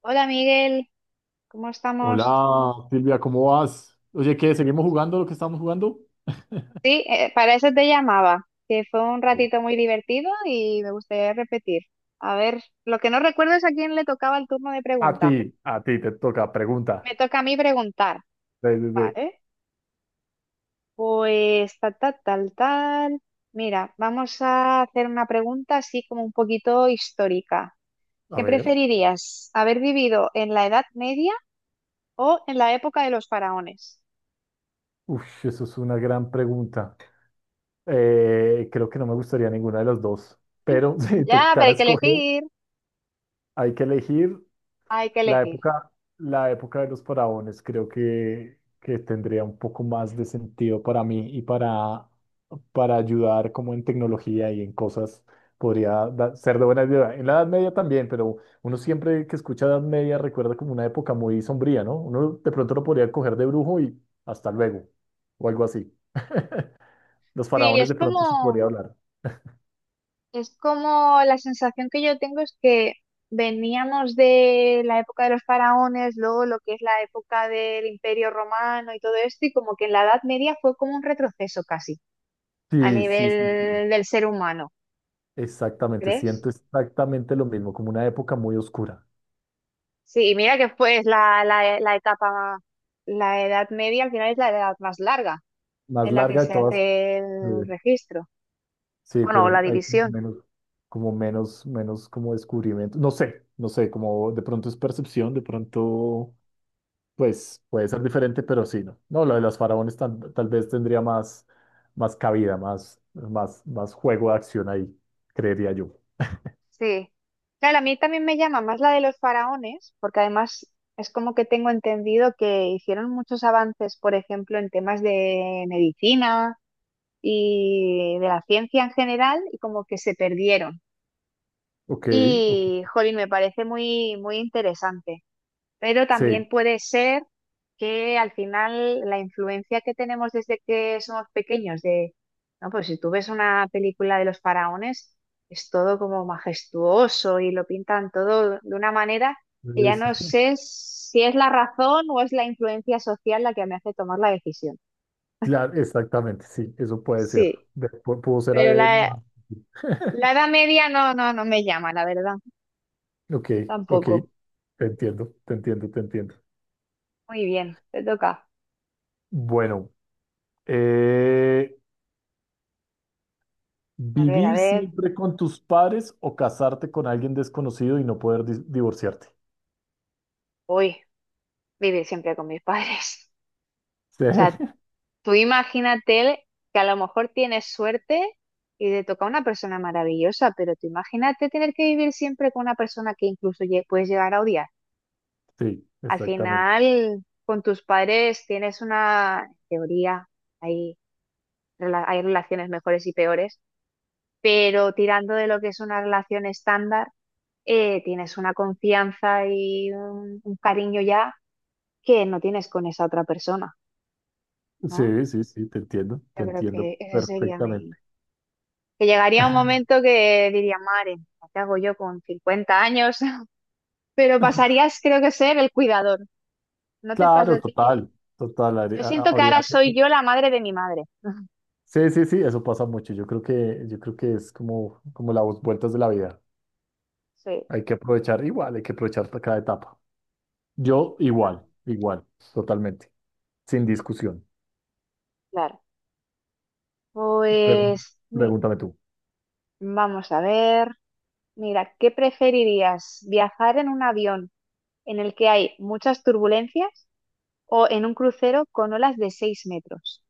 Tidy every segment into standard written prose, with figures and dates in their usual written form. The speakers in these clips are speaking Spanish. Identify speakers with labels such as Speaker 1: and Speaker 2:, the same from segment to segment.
Speaker 1: Hola Miguel, ¿cómo estamos?
Speaker 2: Hola Silvia, ¿cómo vas? Oye, ¿qué? ¿Seguimos jugando lo que estábamos jugando?
Speaker 1: Sí, para eso te llamaba, que fue un
Speaker 2: No.
Speaker 1: ratito muy divertido y me gustaría repetir. A ver, lo que no recuerdo es a quién le tocaba el turno de pregunta.
Speaker 2: A ti te toca, pregunta.
Speaker 1: Me toca a mí preguntar,
Speaker 2: De- de- de-
Speaker 1: ¿vale? Pues tal, tal, tal, tal. Mira, vamos a hacer una pregunta así como un poquito histórica.
Speaker 2: A
Speaker 1: ¿Qué
Speaker 2: ver,
Speaker 1: preferirías, haber vivido en la Edad Media o en la época de los faraones?
Speaker 2: uf, eso es una gran pregunta. Creo que no me gustaría ninguna de las dos, pero si
Speaker 1: Ya, pero
Speaker 2: tocara
Speaker 1: hay que
Speaker 2: escoger,
Speaker 1: elegir,
Speaker 2: hay que elegir.
Speaker 1: hay que
Speaker 2: La
Speaker 1: elegir.
Speaker 2: época, la época de los faraones creo que tendría un poco más de sentido para mí y para ayudar como en tecnología y en cosas ser de buena ayuda. En la Edad Media también, pero uno siempre que escucha Edad Media recuerda como una época muy sombría, ¿no? Uno de pronto lo podría coger de brujo y hasta luego, o algo así. Los
Speaker 1: Sí,
Speaker 2: faraones
Speaker 1: es
Speaker 2: de pronto se podría
Speaker 1: como...
Speaker 2: hablar.
Speaker 1: Es como la sensación que yo tengo es que veníamos de la época de los faraones, luego lo que es la época del Imperio Romano y todo esto, y como que en la Edad Media fue como un retroceso casi a
Speaker 2: Sí, sí, sí, sí.
Speaker 1: nivel del ser humano, ¿no
Speaker 2: Exactamente,
Speaker 1: crees?
Speaker 2: siento exactamente lo mismo, como una época muy oscura,
Speaker 1: Sí, y mira que fue la etapa, la Edad Media al final es la edad más larga
Speaker 2: más
Speaker 1: en la que
Speaker 2: larga de
Speaker 1: se
Speaker 2: todas.
Speaker 1: hace
Speaker 2: Sí,
Speaker 1: el registro,
Speaker 2: sí,
Speaker 1: bueno, o
Speaker 2: pero
Speaker 1: la
Speaker 2: hay
Speaker 1: división.
Speaker 2: menos, como menos, menos como descubrimiento. No sé, no sé, como de pronto es percepción, de pronto, pues puede ser diferente, pero sí, no. No, lo de las faraones tal, tal vez tendría más, más cabida, más juego de acción ahí, creería yo.
Speaker 1: Sí. Claro, a mí también me llama más la de los faraones, porque además es como que tengo entendido que hicieron muchos avances, por ejemplo, en temas de medicina y de la ciencia en general, y como que se perdieron.
Speaker 2: Ok, ok.
Speaker 1: Y, jolín, me parece muy, muy interesante. Pero
Speaker 2: Sí,
Speaker 1: también puede ser que al final la influencia que tenemos desde que somos pequeños de, no, pues si tú ves una película de los faraones, es todo como majestuoso y lo pintan todo de una manera que ya
Speaker 2: entonces,
Speaker 1: no sé si es la razón o es la influencia social la que me hace tomar la decisión.
Speaker 2: claro, exactamente, sí, eso puede ser.
Speaker 1: Sí,
Speaker 2: Pudo ser.
Speaker 1: pero la, la Edad Media no, no, no me llama, la verdad,
Speaker 2: Ok, ok,
Speaker 1: tampoco.
Speaker 2: te entiendo, te entiendo, te entiendo.
Speaker 1: Muy bien, te toca.
Speaker 2: Bueno, eh,
Speaker 1: A
Speaker 2: ¿vivir
Speaker 1: ver,
Speaker 2: siempre con tus padres o casarte con alguien desconocido y no poder divorciarte?
Speaker 1: voy vivir siempre con mis padres.
Speaker 2: Sí,
Speaker 1: O sea, tú imagínate que a lo mejor tienes suerte y te toca una persona maravillosa, pero tú imagínate tener que vivir siempre con una persona que incluso puedes llegar a odiar.
Speaker 2: sí,
Speaker 1: Al
Speaker 2: exactamente.
Speaker 1: final, con tus padres tienes una en teoría, hay, hay relaciones mejores y peores, pero tirando de lo que es una relación estándar, tienes una confianza y un cariño ya que no tienes con esa otra persona, ¿no?
Speaker 2: Sí, sí, sí, te
Speaker 1: Yo creo
Speaker 2: entiendo
Speaker 1: que ese sería mi...
Speaker 2: perfectamente.
Speaker 1: que llegaría un momento que diría, madre, ¿qué hago yo con 50 años? Pero pasarías, creo que, ser el cuidador. ¿No te pasa
Speaker 2: Claro,
Speaker 1: a ti?
Speaker 2: total, total.
Speaker 1: Yo siento que
Speaker 2: Habría...
Speaker 1: ahora soy yo la madre de mi madre.
Speaker 2: Sí, sí, sí, eso pasa mucho. Yo creo que es como, como las vueltas de la vida.
Speaker 1: Sí,
Speaker 2: Hay que aprovechar igual, hay que aprovechar cada etapa.
Speaker 1: sí,
Speaker 2: Yo igual,
Speaker 1: totalmente.
Speaker 2: igual, totalmente, sin
Speaker 1: Mm,
Speaker 2: discusión.
Speaker 1: claro.
Speaker 2: Pre-
Speaker 1: Pues mi-
Speaker 2: Pregúntame tú.
Speaker 1: Vamos a ver. Mira, ¿qué preferirías? ¿Viajar en un avión en el que hay muchas turbulencias o en un crucero con olas de 6 metros?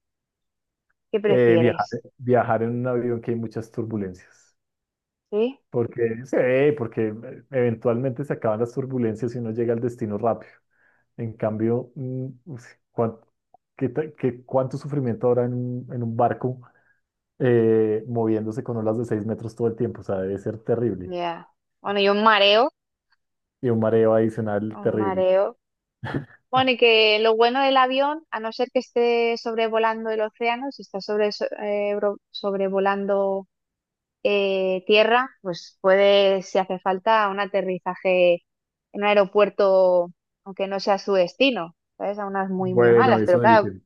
Speaker 1: ¿Qué
Speaker 2: Viajar,
Speaker 1: prefieres?
Speaker 2: viajar en un avión que hay muchas turbulencias.
Speaker 1: ¿Sí?
Speaker 2: Porque, sí, porque eventualmente se acaban las turbulencias y uno llega al destino rápido. En cambio, cuán- ¿cuánto sufrimiento habrá en un barco moviéndose con olas de 6 metros todo el tiempo? O sea, debe ser terrible.
Speaker 1: Ya. Bueno, y un mareo,
Speaker 2: Y un mareo adicional
Speaker 1: un
Speaker 2: terrible.
Speaker 1: mareo. Bueno, y que lo bueno del avión, a no ser que esté sobrevolando el océano, si está sobrevolando tierra, pues puede, si hace falta, un aterrizaje en un aeropuerto, aunque no sea su destino, ¿sabes? A unas muy, muy
Speaker 2: Bueno,
Speaker 1: malas, pero
Speaker 2: eso
Speaker 1: claro,
Speaker 2: dicen.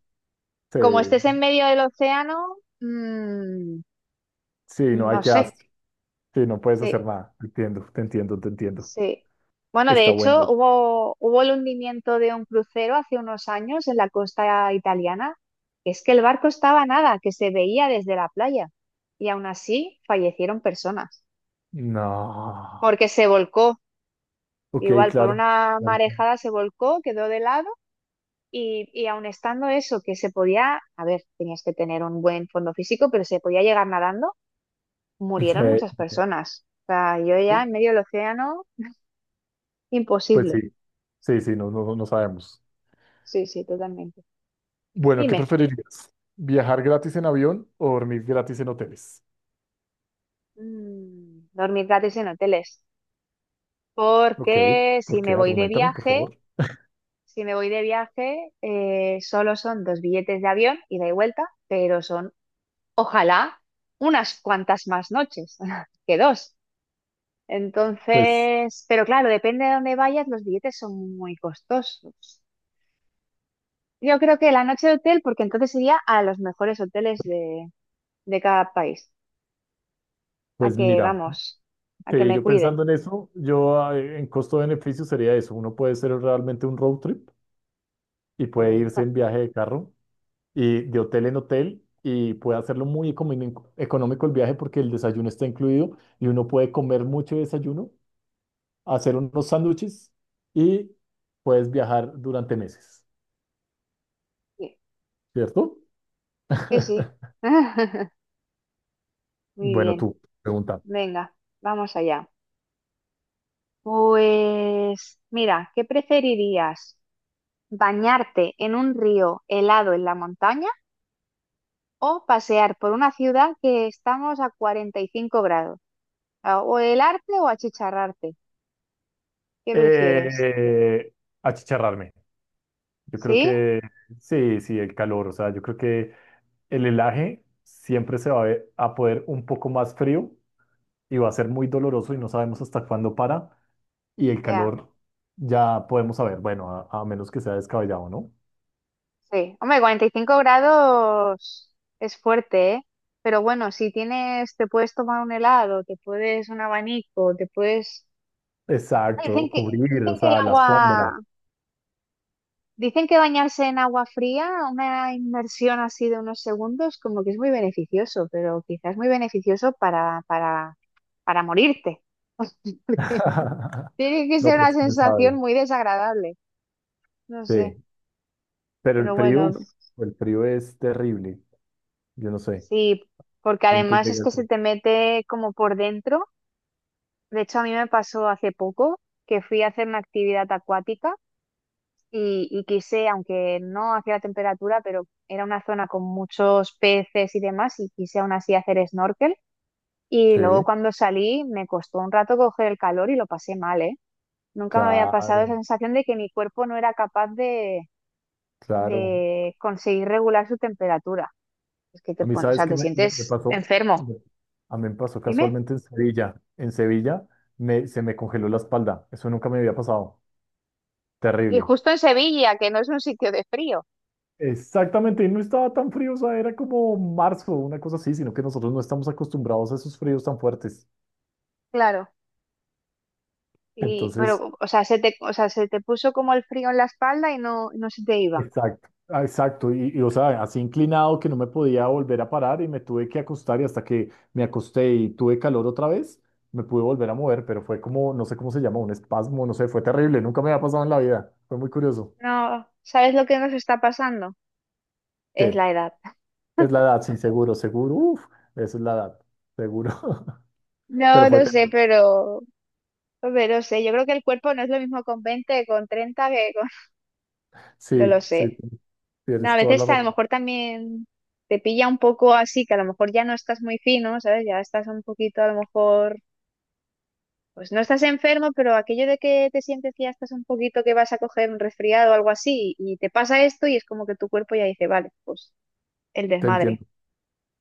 Speaker 2: Sí,
Speaker 1: como estés en medio del océano,
Speaker 2: sí, no hay
Speaker 1: no
Speaker 2: que
Speaker 1: sé,
Speaker 2: hacer. Sí, no puedes hacer
Speaker 1: sí.
Speaker 2: nada. Entiendo, te entiendo, te entiendo.
Speaker 1: Sí. Bueno, de
Speaker 2: Está buena
Speaker 1: hecho,
Speaker 2: ahí.
Speaker 1: hubo el hundimiento de un crucero hace unos años en la costa italiana. Es que el barco estaba a nada, que se veía desde la playa. Y aún así fallecieron personas,
Speaker 2: No.
Speaker 1: porque se volcó.
Speaker 2: Ok,
Speaker 1: Igual, por
Speaker 2: claro.
Speaker 1: una
Speaker 2: Claro.
Speaker 1: marejada se volcó, quedó de lado. Y aun estando eso, que se podía, a ver, tenías que tener un buen fondo físico, pero se podía llegar nadando, murieron
Speaker 2: Eh,
Speaker 1: muchas personas. O sea, yo ya en medio del océano,
Speaker 2: pues
Speaker 1: imposible.
Speaker 2: sí, sí, sí, no, no, no sabemos.
Speaker 1: Sí, sí, totalmente.
Speaker 2: Bueno, ¿qué
Speaker 1: Dime.
Speaker 2: preferirías? ¿Viajar gratis en avión o dormir gratis en hoteles?
Speaker 1: Mm, dormir gratis en hoteles.
Speaker 2: Ok,
Speaker 1: Porque
Speaker 2: ¿por
Speaker 1: si me
Speaker 2: qué?
Speaker 1: voy de
Speaker 2: Argumentame, por
Speaker 1: viaje,
Speaker 2: favor.
Speaker 1: si me voy de viaje, solo son dos billetes de avión, ida y vuelta, pero son, ojalá, unas cuantas más noches que dos.
Speaker 2: Pues,
Speaker 1: Entonces, pero claro, depende de dónde vayas, los billetes son muy costosos. Yo creo que la noche de hotel, porque entonces iría a los mejores hoteles de cada país. A
Speaker 2: pues
Speaker 1: que,
Speaker 2: mira,
Speaker 1: vamos, a que
Speaker 2: sí,
Speaker 1: me
Speaker 2: yo
Speaker 1: cuiden.
Speaker 2: pensando en eso, en costo-beneficio sería eso. Uno puede ser realmente un road trip y puede irse en viaje de carro y de hotel en hotel y puede hacerlo muy económico el viaje porque el desayuno está incluido y uno puede comer mucho desayuno, hacer unos sándwiches y puedes viajar durante meses,
Speaker 1: Sí,
Speaker 2: ¿cierto?
Speaker 1: sí. Sí. Muy
Speaker 2: Bueno,
Speaker 1: bien,
Speaker 2: tú, pregunta.
Speaker 1: venga, vamos allá. Pues mira, ¿qué preferirías? ¿Bañarte en un río helado en la montaña o pasear por una ciudad que estamos a 45 grados? A- ¿O helarte o achicharrarte? ¿Qué prefieres?
Speaker 2: Eh, Achicharrarme. Yo creo
Speaker 1: ¿Sí?
Speaker 2: que sí, sí, el calor. O sea, yo creo que el helaje siempre se va a, a poder un poco más frío y va a ser muy doloroso y no sabemos hasta cuándo para. Y el
Speaker 1: Ya,
Speaker 2: calor ya podemos saber, bueno, a menos que sea descabellado, ¿no?
Speaker 1: sí. Hombre, 45 grados es fuerte, ¿eh? Pero bueno, si tienes, te puedes tomar un helado, te puedes un abanico, te puedes... Dicen
Speaker 2: Exacto,
Speaker 1: que,
Speaker 2: cubrir, o
Speaker 1: dicen que el
Speaker 2: sea, la
Speaker 1: agua
Speaker 2: sombra.
Speaker 1: Dicen que bañarse en agua fría, una inmersión así de unos segundos, como que es muy beneficioso, pero quizás muy beneficioso para morirte. Tiene que
Speaker 2: No,
Speaker 1: ser una
Speaker 2: pues quién
Speaker 1: sensación
Speaker 2: sabe.
Speaker 1: muy desagradable, no sé,
Speaker 2: Sí, pero el
Speaker 1: pero
Speaker 2: frío, uf,
Speaker 1: bueno,
Speaker 2: el frío es terrible. Yo no sé,
Speaker 1: sí, porque
Speaker 2: punto
Speaker 1: además es
Speaker 2: llega el
Speaker 1: que
Speaker 2: frío.
Speaker 1: se te mete como por dentro. De hecho, a mí me pasó hace poco que fui a hacer una actividad acuática y quise, aunque no hacía la temperatura, pero era una zona con muchos peces y demás, y quise aún así hacer snorkel. Y
Speaker 2: Sí,
Speaker 1: luego cuando salí me costó un rato coger el calor y lo pasé mal, ¿eh? Nunca me había pasado esa
Speaker 2: claro,
Speaker 1: sensación de que mi cuerpo no era capaz
Speaker 2: claro.
Speaker 1: de conseguir regular su temperatura. Es que te,
Speaker 2: A mí,
Speaker 1: pon- o
Speaker 2: ¿sabes
Speaker 1: sea,
Speaker 2: qué
Speaker 1: te
Speaker 2: me, me- me
Speaker 1: sientes
Speaker 2: pasó?
Speaker 1: enfermo.
Speaker 2: Me- A mí me pasó
Speaker 1: Dime.
Speaker 2: casualmente en Sevilla. En Sevilla me, se me congeló la espalda. Eso nunca me había pasado.
Speaker 1: Y
Speaker 2: Terrible.
Speaker 1: justo en Sevilla, que no es un sitio de frío.
Speaker 2: Exactamente, y no estaba tan frío, o sea, era como marzo, una cosa así, sino que nosotros no estamos acostumbrados a esos fríos tan fuertes.
Speaker 1: Claro. Y,
Speaker 2: Entonces,
Speaker 1: pero, o sea, se te, o sea, se te puso como el frío en la espalda y no se te iba.
Speaker 2: exacto, ah, exacto. Y, o sea, así inclinado que no me podía volver a parar y me tuve que acostar y hasta que me acosté y tuve calor otra vez, me pude volver a mover, pero fue como, no sé cómo se llama, un espasmo, no sé, fue terrible, nunca me había pasado en la vida, fue muy curioso.
Speaker 1: No, ¿sabes lo que nos está pasando? Es
Speaker 2: ¿Qué?
Speaker 1: la edad.
Speaker 2: Es la edad, sí, seguro, seguro, uff, eso es la edad, seguro. Pero
Speaker 1: No,
Speaker 2: fue,
Speaker 1: no sé,
Speaker 2: terrible.
Speaker 1: pero Hombre, no sé, yo creo que el cuerpo no es lo mismo con 20 con 30 que con... No lo
Speaker 2: Sí, sí,
Speaker 1: sé. No, a
Speaker 2: tienes toda la
Speaker 1: veces a lo
Speaker 2: razón,
Speaker 1: mejor también te pilla un poco así, que a lo mejor ya no estás muy fino, ¿sabes? Ya estás un poquito a lo mejor... Pues no estás enfermo, pero aquello de que te sientes que ya estás un poquito que vas a coger un resfriado o algo así, y te pasa esto y es como que tu cuerpo ya dice, vale, pues el
Speaker 2: te
Speaker 1: desmadre.
Speaker 2: entiendo,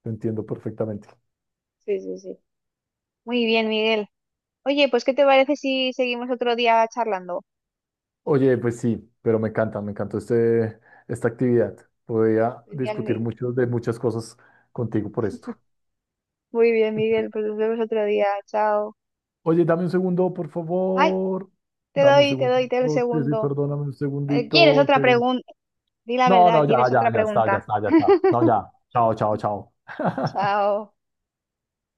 Speaker 2: te entiendo perfectamente.
Speaker 1: Sí, sí, sí. Muy bien, Miguel. Oye, pues ¿qué te parece si seguimos otro día charlando?
Speaker 2: Oye, pues sí, pero me encanta, me encantó este, esta actividad. Podría
Speaker 1: Genial,
Speaker 2: discutir muchos de muchas cosas contigo por esto.
Speaker 1: Muy bien, Miguel. Pues nos vemos otro día. Chao.
Speaker 2: Oye, dame un segundo, por
Speaker 1: Ay.
Speaker 2: favor.
Speaker 1: Te
Speaker 2: Dame un
Speaker 1: doy, te
Speaker 2: segundo.
Speaker 1: doy, te doy el
Speaker 2: No, sí, sí,
Speaker 1: segundo.
Speaker 2: perdóname un
Speaker 1: ¿Quieres
Speaker 2: segundito.
Speaker 1: otra pregunta? Di la
Speaker 2: No,
Speaker 1: verdad,
Speaker 2: no, ya,
Speaker 1: ¿quieres
Speaker 2: ya,
Speaker 1: otra
Speaker 2: ya está, ya
Speaker 1: pregunta?
Speaker 2: está, ya está. No, ya. Chao, chao, chao.
Speaker 1: Chao.